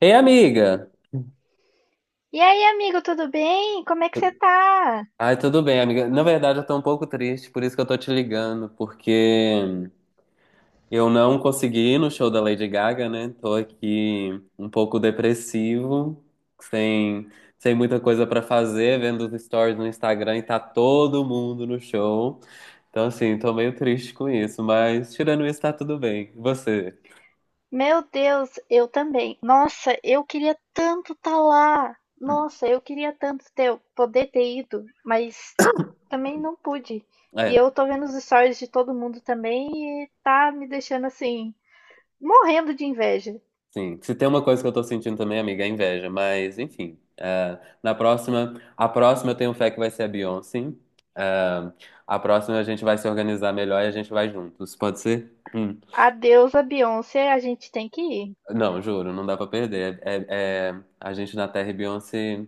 Ei, amiga! E aí, amigo, tudo bem? Como é que você tá? Ai, tudo bem, amiga. Na verdade, eu tô um pouco triste, por isso que eu tô te ligando, porque eu não consegui ir no show da Lady Gaga, né? Tô aqui um pouco depressivo, sem, sem muita coisa pra fazer, vendo os stories no Instagram e tá todo mundo no show. Então, assim, tô meio triste com isso, mas tirando isso, tá tudo bem. E você? Meu Deus, eu também. Nossa, eu queria tanto estar lá. Nossa, eu queria tanto poder ter ido, mas também não pude. E É. eu tô vendo os stories de todo mundo também e tá me deixando assim, morrendo de inveja. Sim, se tem uma coisa que eu tô sentindo também, amiga, é inveja, mas enfim. A próxima eu tenho fé que vai ser a Beyoncé. É, a próxima a gente vai se organizar melhor e a gente vai juntos, pode ser? Hum. Adeus a Beyoncé, a gente tem que ir. Não, juro, não dá pra perder. É, é a gente na Terra e Beyoncé.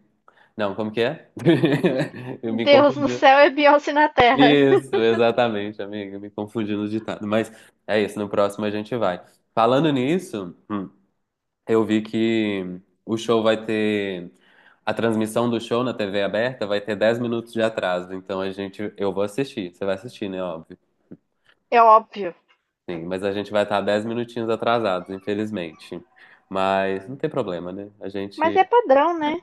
Não, como que é? Eu me Deus no confundi. céu é Beyoncé na terra. Isso, exatamente, amiga, me confundi no ditado. Mas é isso, no próximo a gente vai. Falando nisso. Eu vi que o show vai ter. A transmissão do show na TV aberta vai ter 10 minutos de atraso. Então a gente. Eu vou assistir. Você vai assistir, né? Óbvio. É óbvio. Sim, mas a gente vai estar 10 minutinhos atrasados, infelizmente. Mas não tem problema, né? A Mas gente. é padrão, né?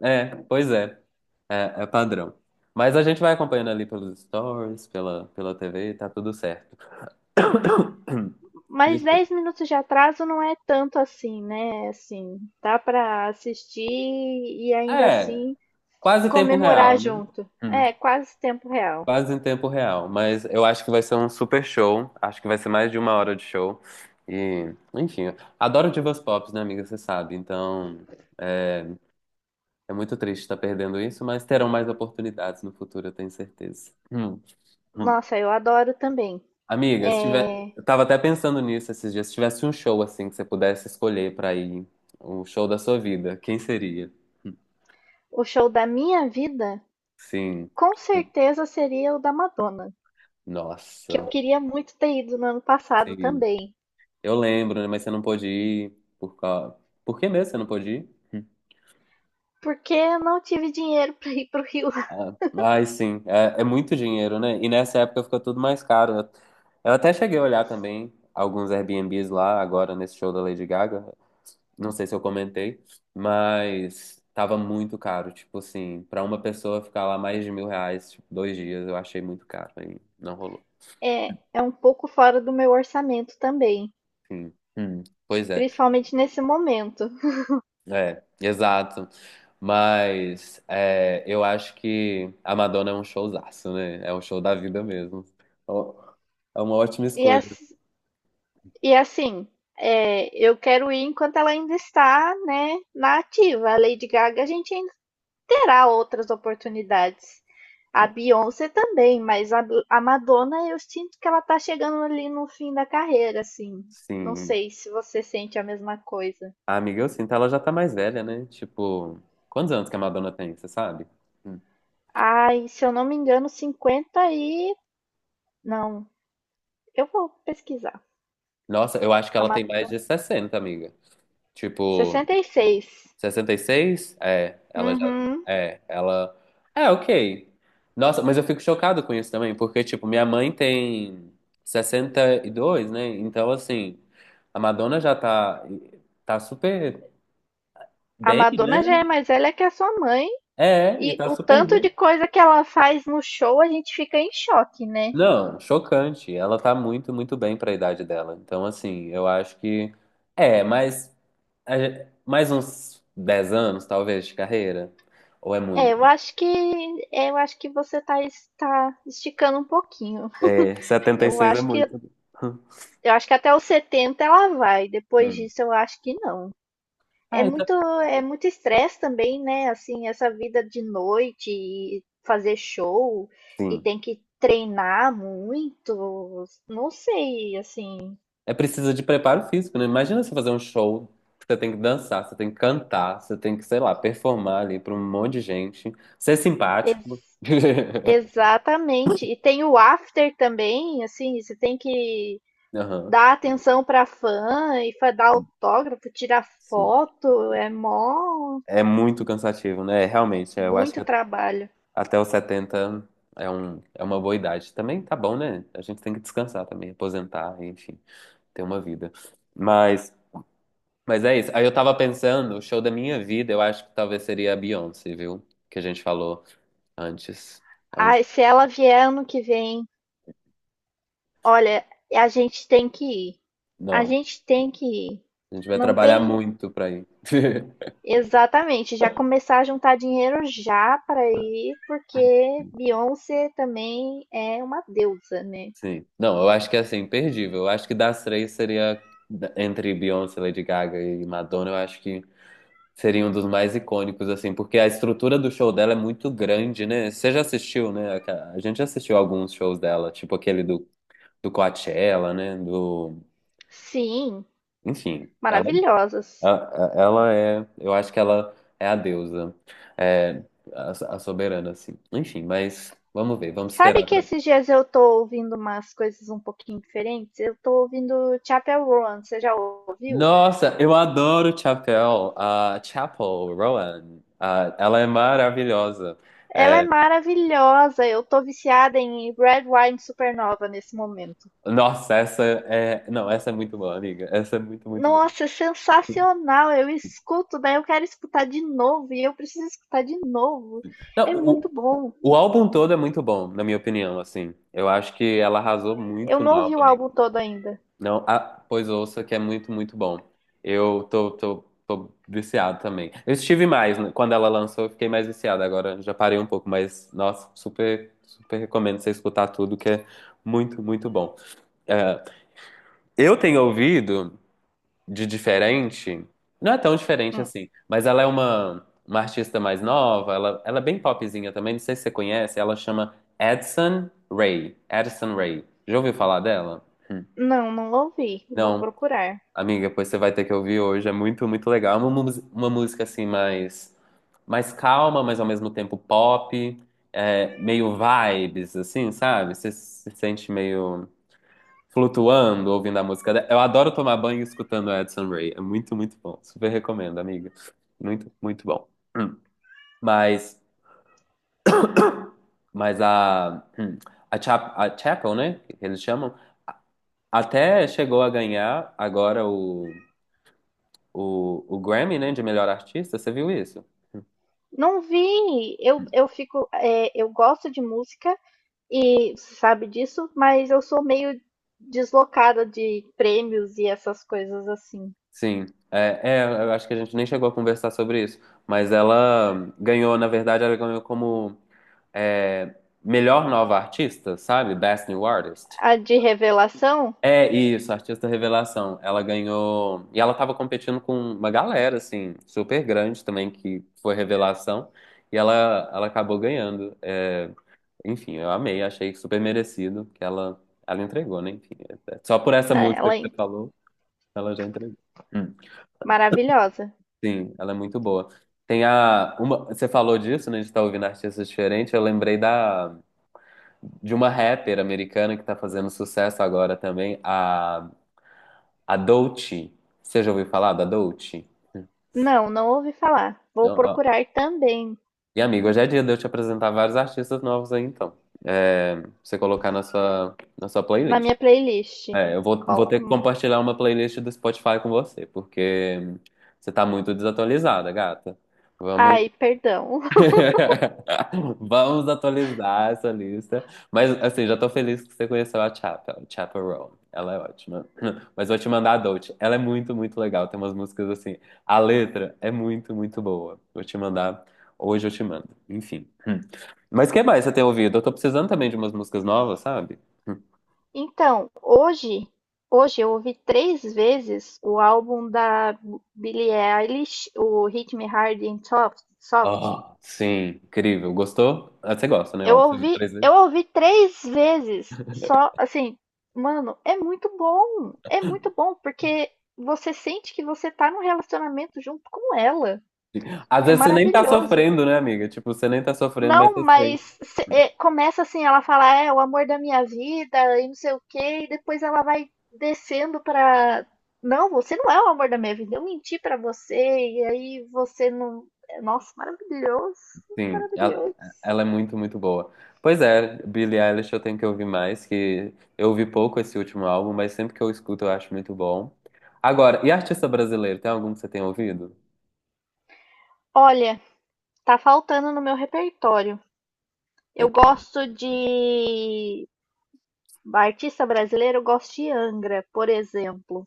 É, pois é. É, é padrão. Mas a gente vai acompanhando ali pelos stories, pela TV, tá tudo certo. Mas Desculpa. 10 minutos de atraso não é tanto assim, né? Assim, dá pra assistir e ainda É, assim quase tempo comemorar real, né? junto. É, quase tempo real. Quase em tempo real, mas eu acho que vai ser um super show. Acho que vai ser mais de 1 hora de show. E, enfim, adoro divas pop, né, amiga? Você sabe. Então, é, é muito triste estar perdendo isso, mas terão mais oportunidades no futuro, eu tenho certeza. Hum. Nossa, eu adoro também. Amiga, se tiver, eu tava até pensando nisso esses dias. Se tivesse um show assim que você pudesse escolher pra ir, o show da sua vida, quem seria? Hum. O show da minha vida, Sim, com tipo. certeza seria o da Madonna, que Nossa. eu queria muito ter ido no ano passado Sim. também, Eu lembro, né? Mas você não pôde ir por causa... Por que mesmo você não pôde ir? Hum. porque eu não tive dinheiro para ir pro Rio. Ah, ai, sim. É, é muito dinheiro, né? E nessa época fica tudo mais caro. Eu até cheguei a olhar também alguns Airbnbs lá, agora nesse show da Lady Gaga. Não sei se eu comentei, mas tava muito caro. Tipo assim, pra uma pessoa ficar lá mais de 1.000 reais, tipo, 2 dias, eu achei muito caro. Aí não rolou. É, é um pouco fora do meu orçamento também, Sim. Hum. Pois é. principalmente nesse momento. É, exato. Mas é, eu acho que a Madonna é um showzaço, né? É um show da vida mesmo. Ó, é uma ótima E escolha. as- E assim, eu quero ir enquanto ela ainda está, né, na ativa. A Lady Gaga, a gente ainda terá outras oportunidades. A Beyoncé também, mas a Madonna, eu sinto que ela tá chegando ali no fim da carreira, assim. Não Sim. sei se você sente a mesma coisa. A amiga, eu sinto, ela já tá mais velha, né? Tipo, quantos anos que a Madonna tem, você sabe? Hum. Ai, se eu não me engano, 50 e. Não, eu vou pesquisar. Nossa, eu acho que A ela tem mais Madonna. de 60 amiga. Tipo, 66. 66, é, ela já. Uhum. É, ela. É, ok. Nossa, mas eu fico chocado com isso também, porque, tipo, minha mãe tem 62, né? Então, assim, a Madonna já tá super A bem, Madonna já é né? mais velha que a sua mãe. É, e E tá o super tanto bem. de coisa que ela faz no show, a gente fica em choque, né? Não, chocante. Ela tá muito, muito bem pra idade dela. Então, assim, eu acho que. É, mas. Mais uns 10 anos, talvez, de carreira? Ou é É, eu muito? acho que você tá, tá esticando um pouquinho. É, setenta e Eu seis é acho que muito. eu acho que até os 70 ela vai. Depois Hum. disso eu acho que não. É Ah, então. muito É muito estresse também, né? Assim, essa vida de noite e fazer show e Sim. tem que treinar muito. Não sei, assim, É preciso de preparo físico, né? Imagina você fazer um show, você tem que dançar, você tem que cantar, você tem que, sei lá, performar ali para um monte de gente, ser simpático. ex- exatamente. E tem o after também, assim, você tem que Aham, dar atenção pra fã e dá autógrafo, tirar sim. foto, é mó É muito cansativo, né? Realmente, eu acho muito que trabalho. até os 70 é uma boa idade. Também tá bom, né? A gente tem que descansar também, aposentar, enfim, ter uma vida. Mas, mas é isso. Aí eu tava pensando, o show da minha vida, eu acho que talvez seria a Beyoncé, viu? Que a gente falou. Antes. É um... Ai, se ela vier ano que vem, olha, a gente tem que ir. A Não. gente tem que ir. A gente vai Não trabalhar tem muito pra ir. exatamente, já começar a juntar dinheiro já para ir, porque Beyoncé também é uma deusa, né? Sim. Não, eu acho que é assim, imperdível. Eu acho que das três seria entre Beyoncé, Lady Gaga e Madonna, eu acho que seria um dos mais icônicos, assim, porque a estrutura do show dela é muito grande, né? Você já assistiu, né? A gente já assistiu alguns shows dela, tipo aquele do Coachella, né? Do... Sim, Enfim, ela. maravilhosas. A- Ela é, eu acho que ela é a deusa, é a soberana, assim. Enfim, mas vamos ver, vamos Sabe esperar que pra. esses dias eu tô ouvindo umas coisas um pouquinho diferentes? Eu tô ouvindo Chapel Roan, você já ouviu? Nossa, eu adoro Chapel, a Chapel Rowan, ela é maravilhosa. Ela é É, maravilhosa, eu tô viciada em Red Wine Supernova nesse momento. nossa, essa é, não, essa é muito boa, amiga, essa é muito, muito boa. Nossa, é sensacional! Eu escuto, daí eu quero escutar de novo e eu preciso escutar de novo. É Não, muito bom. o álbum todo é muito bom, na minha opinião, assim. Eu acho que ela arrasou Eu muito no não ouvi álbum. o álbum todo ainda. Não, ah, pois ouça, que é muito, muito bom. Eu tô viciado também. Eu estive mais, né? Quando ela lançou, eu fiquei mais viciado. Agora já parei um pouco, mas, nossa, super, super recomendo você escutar tudo, que é muito, muito bom. É, eu tenho ouvido de diferente, não é tão diferente Hum, assim, mas ela é uma artista mais nova, ela é bem popzinha também, não sei se você conhece, ela chama Addison Rae. Addison Rae. Já ouviu falar dela? Não, não ouvi. Vou Não. procurar. Amiga, pois você vai ter que ouvir hoje. É muito, muito legal. É uma música assim mais, mais calma, mas ao mesmo tempo pop, é, meio vibes, assim, sabe? Você se sente meio flutuando ouvindo a música. Dela. Eu adoro tomar banho escutando Edson Ray. É muito, muito bom. Super recomendo, amiga. Muito, muito bom. Hum. Mas, mas a, hum, a Chapel, né? Que eles chamam, até chegou a ganhar agora o Grammy, né, de melhor artista, você viu isso? Não vi. Eu fico, eu gosto de música. E você sabe disso, mas eu sou meio deslocada de prêmios e essas coisas assim. Sim, eu acho que a gente nem chegou a conversar sobre isso, mas ela ganhou, na verdade, ela ganhou como é, melhor nova artista, sabe? Best New Artist. A de revelação, É isso, artista revelação. Ela ganhou. E ela tava competindo com uma galera, assim, super grande também, que foi revelação. E ela acabou ganhando. É, enfim, eu amei, achei super merecido que ela entregou, né? Enfim, só por essa né, música ela que você é falou, ela já entregou. maravilhosa. Sim, ela é muito boa. Tem a uma, você falou disso, né? De estar ouvindo artistas diferentes. Eu lembrei da de uma rapper americana que tá fazendo sucesso agora também, a Doechii. Você já ouviu falar da Doechii? Não, não ouvi falar. Vou Não? Ó. procurar também E amigo, hoje é dia de eu te apresentar vários artistas novos aí, então. É, pra você colocar na sua na playlist. minha playlist. É, eu vou Col- ter que compartilhar uma playlist do Spotify com você, porque você tá muito desatualizada, gata. Vamos Ai, perdão. vamos atualizar essa lista. Mas, assim, já tô feliz que você conheceu a Chapel, Chapel Roan. Ela é ótima. Mas vou te mandar a Dolce. Ela é muito, muito legal. Tem umas músicas assim. A letra é muito, muito boa. Vou te mandar. Hoje eu te mando. Enfim. Hum. Mas o que mais você tem ouvido? Eu tô precisando também de umas músicas novas, sabe? Hum. Então, hoje eu ouvi três vezes o álbum da Billie Eilish, o Hit Me Hard and Soft. Ah, sim. Incrível. Gostou? Ah, você gosta, né? Eu Óbvio. Você ouviu ouvi, três eu vezes. ouvi três vezes, só assim, mano, é muito bom. É muito bom porque você sente que você tá num relacionamento junto com ela. Às É vezes você nem tá maravilhoso. sofrendo, né, amiga? Tipo, você nem tá sofrendo, mas Não, você sente. mas é, começa assim, ela fala, é o amor da minha vida e não sei o quê, e depois ela vai descendo pra. Não, você não é o amor da minha vida. Eu menti pra você e aí você não. Nossa, maravilhoso, Sim, maravilhoso. ela é muito, muito boa. Pois é, Billie Eilish eu tenho que ouvir mais, que eu ouvi pouco esse último álbum, mas sempre que eu escuto eu acho muito bom. Agora, e artista brasileiro, tem algum que você tenha ouvido? Olha, tá faltando no meu repertório. Eu Eu que gosto de artista brasileiro, eu gosto de Angra, por exemplo,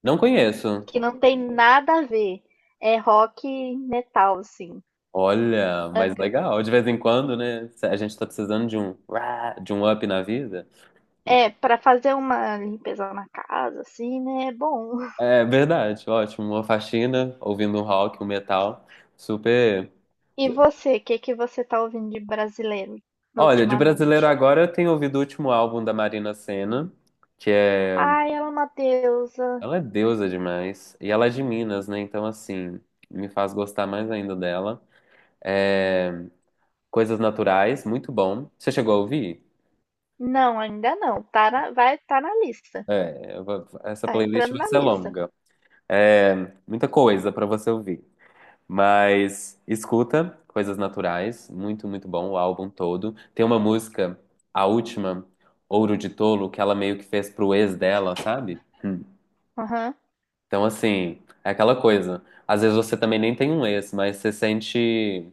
não conheço. que não tem nada a ver. É rock e metal, assim. Olha, mas Angra. legal, de vez em quando, né? A gente tá precisando de um up na vida. É, Então, pra fazer uma limpeza na casa, assim, né? É bom. é verdade, ótimo, uma faxina, ouvindo um rock, um metal, super. E você, o que que você tá ouvindo de brasileiro Olha, de brasileiro ultimamente? agora eu tenho ouvido o último álbum da Marina Sena, que é. Ai, ela é uma deusa. Ela é deusa demais. E ela é de Minas, né? Então, assim, me faz gostar mais ainda dela. É, Coisas Naturais, muito bom. Você chegou a ouvir? Não, ainda não. Tá na, vai, tá na lista. É, essa Tá playlist entrando vai na ser lista. longa. É, muita coisa pra você ouvir. Mas escuta Coisas Naturais, muito, muito bom, o álbum todo. Tem uma música, a última, Ouro de Tolo, que ela meio que fez pro ex dela, sabe? Hum. Aham. Então, assim, é aquela coisa. Às vezes você também nem tem um ex, mas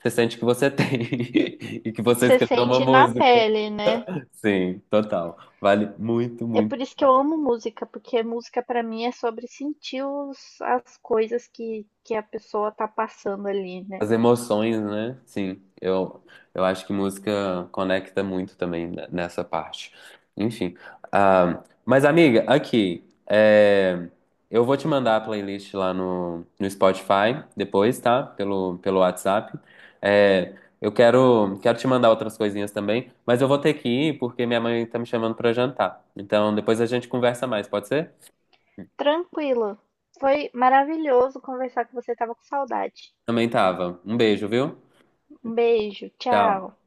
você sente que você tem e que você Você escreveu uma sente na música. pele, né? Sim, total. Vale muito, É muito. por isso que eu amo música, porque música pra mim é sobre sentir as coisas que a pessoa tá passando ali, né? As emoções, né? Sim, eu acho que música conecta muito também nessa parte. Enfim. Ah, mas, amiga, aqui, é, eu vou te mandar a playlist lá no Spotify depois, tá? Pelo WhatsApp. É, eu quero te mandar outras coisinhas também, mas eu vou ter que ir porque minha mãe tá me chamando pra jantar. Então, depois a gente conversa mais, pode ser? Tranquilo. Foi maravilhoso conversar com você, tava com saudade. Também tava. Um beijo, viu? Um beijo, tchau. Tchau.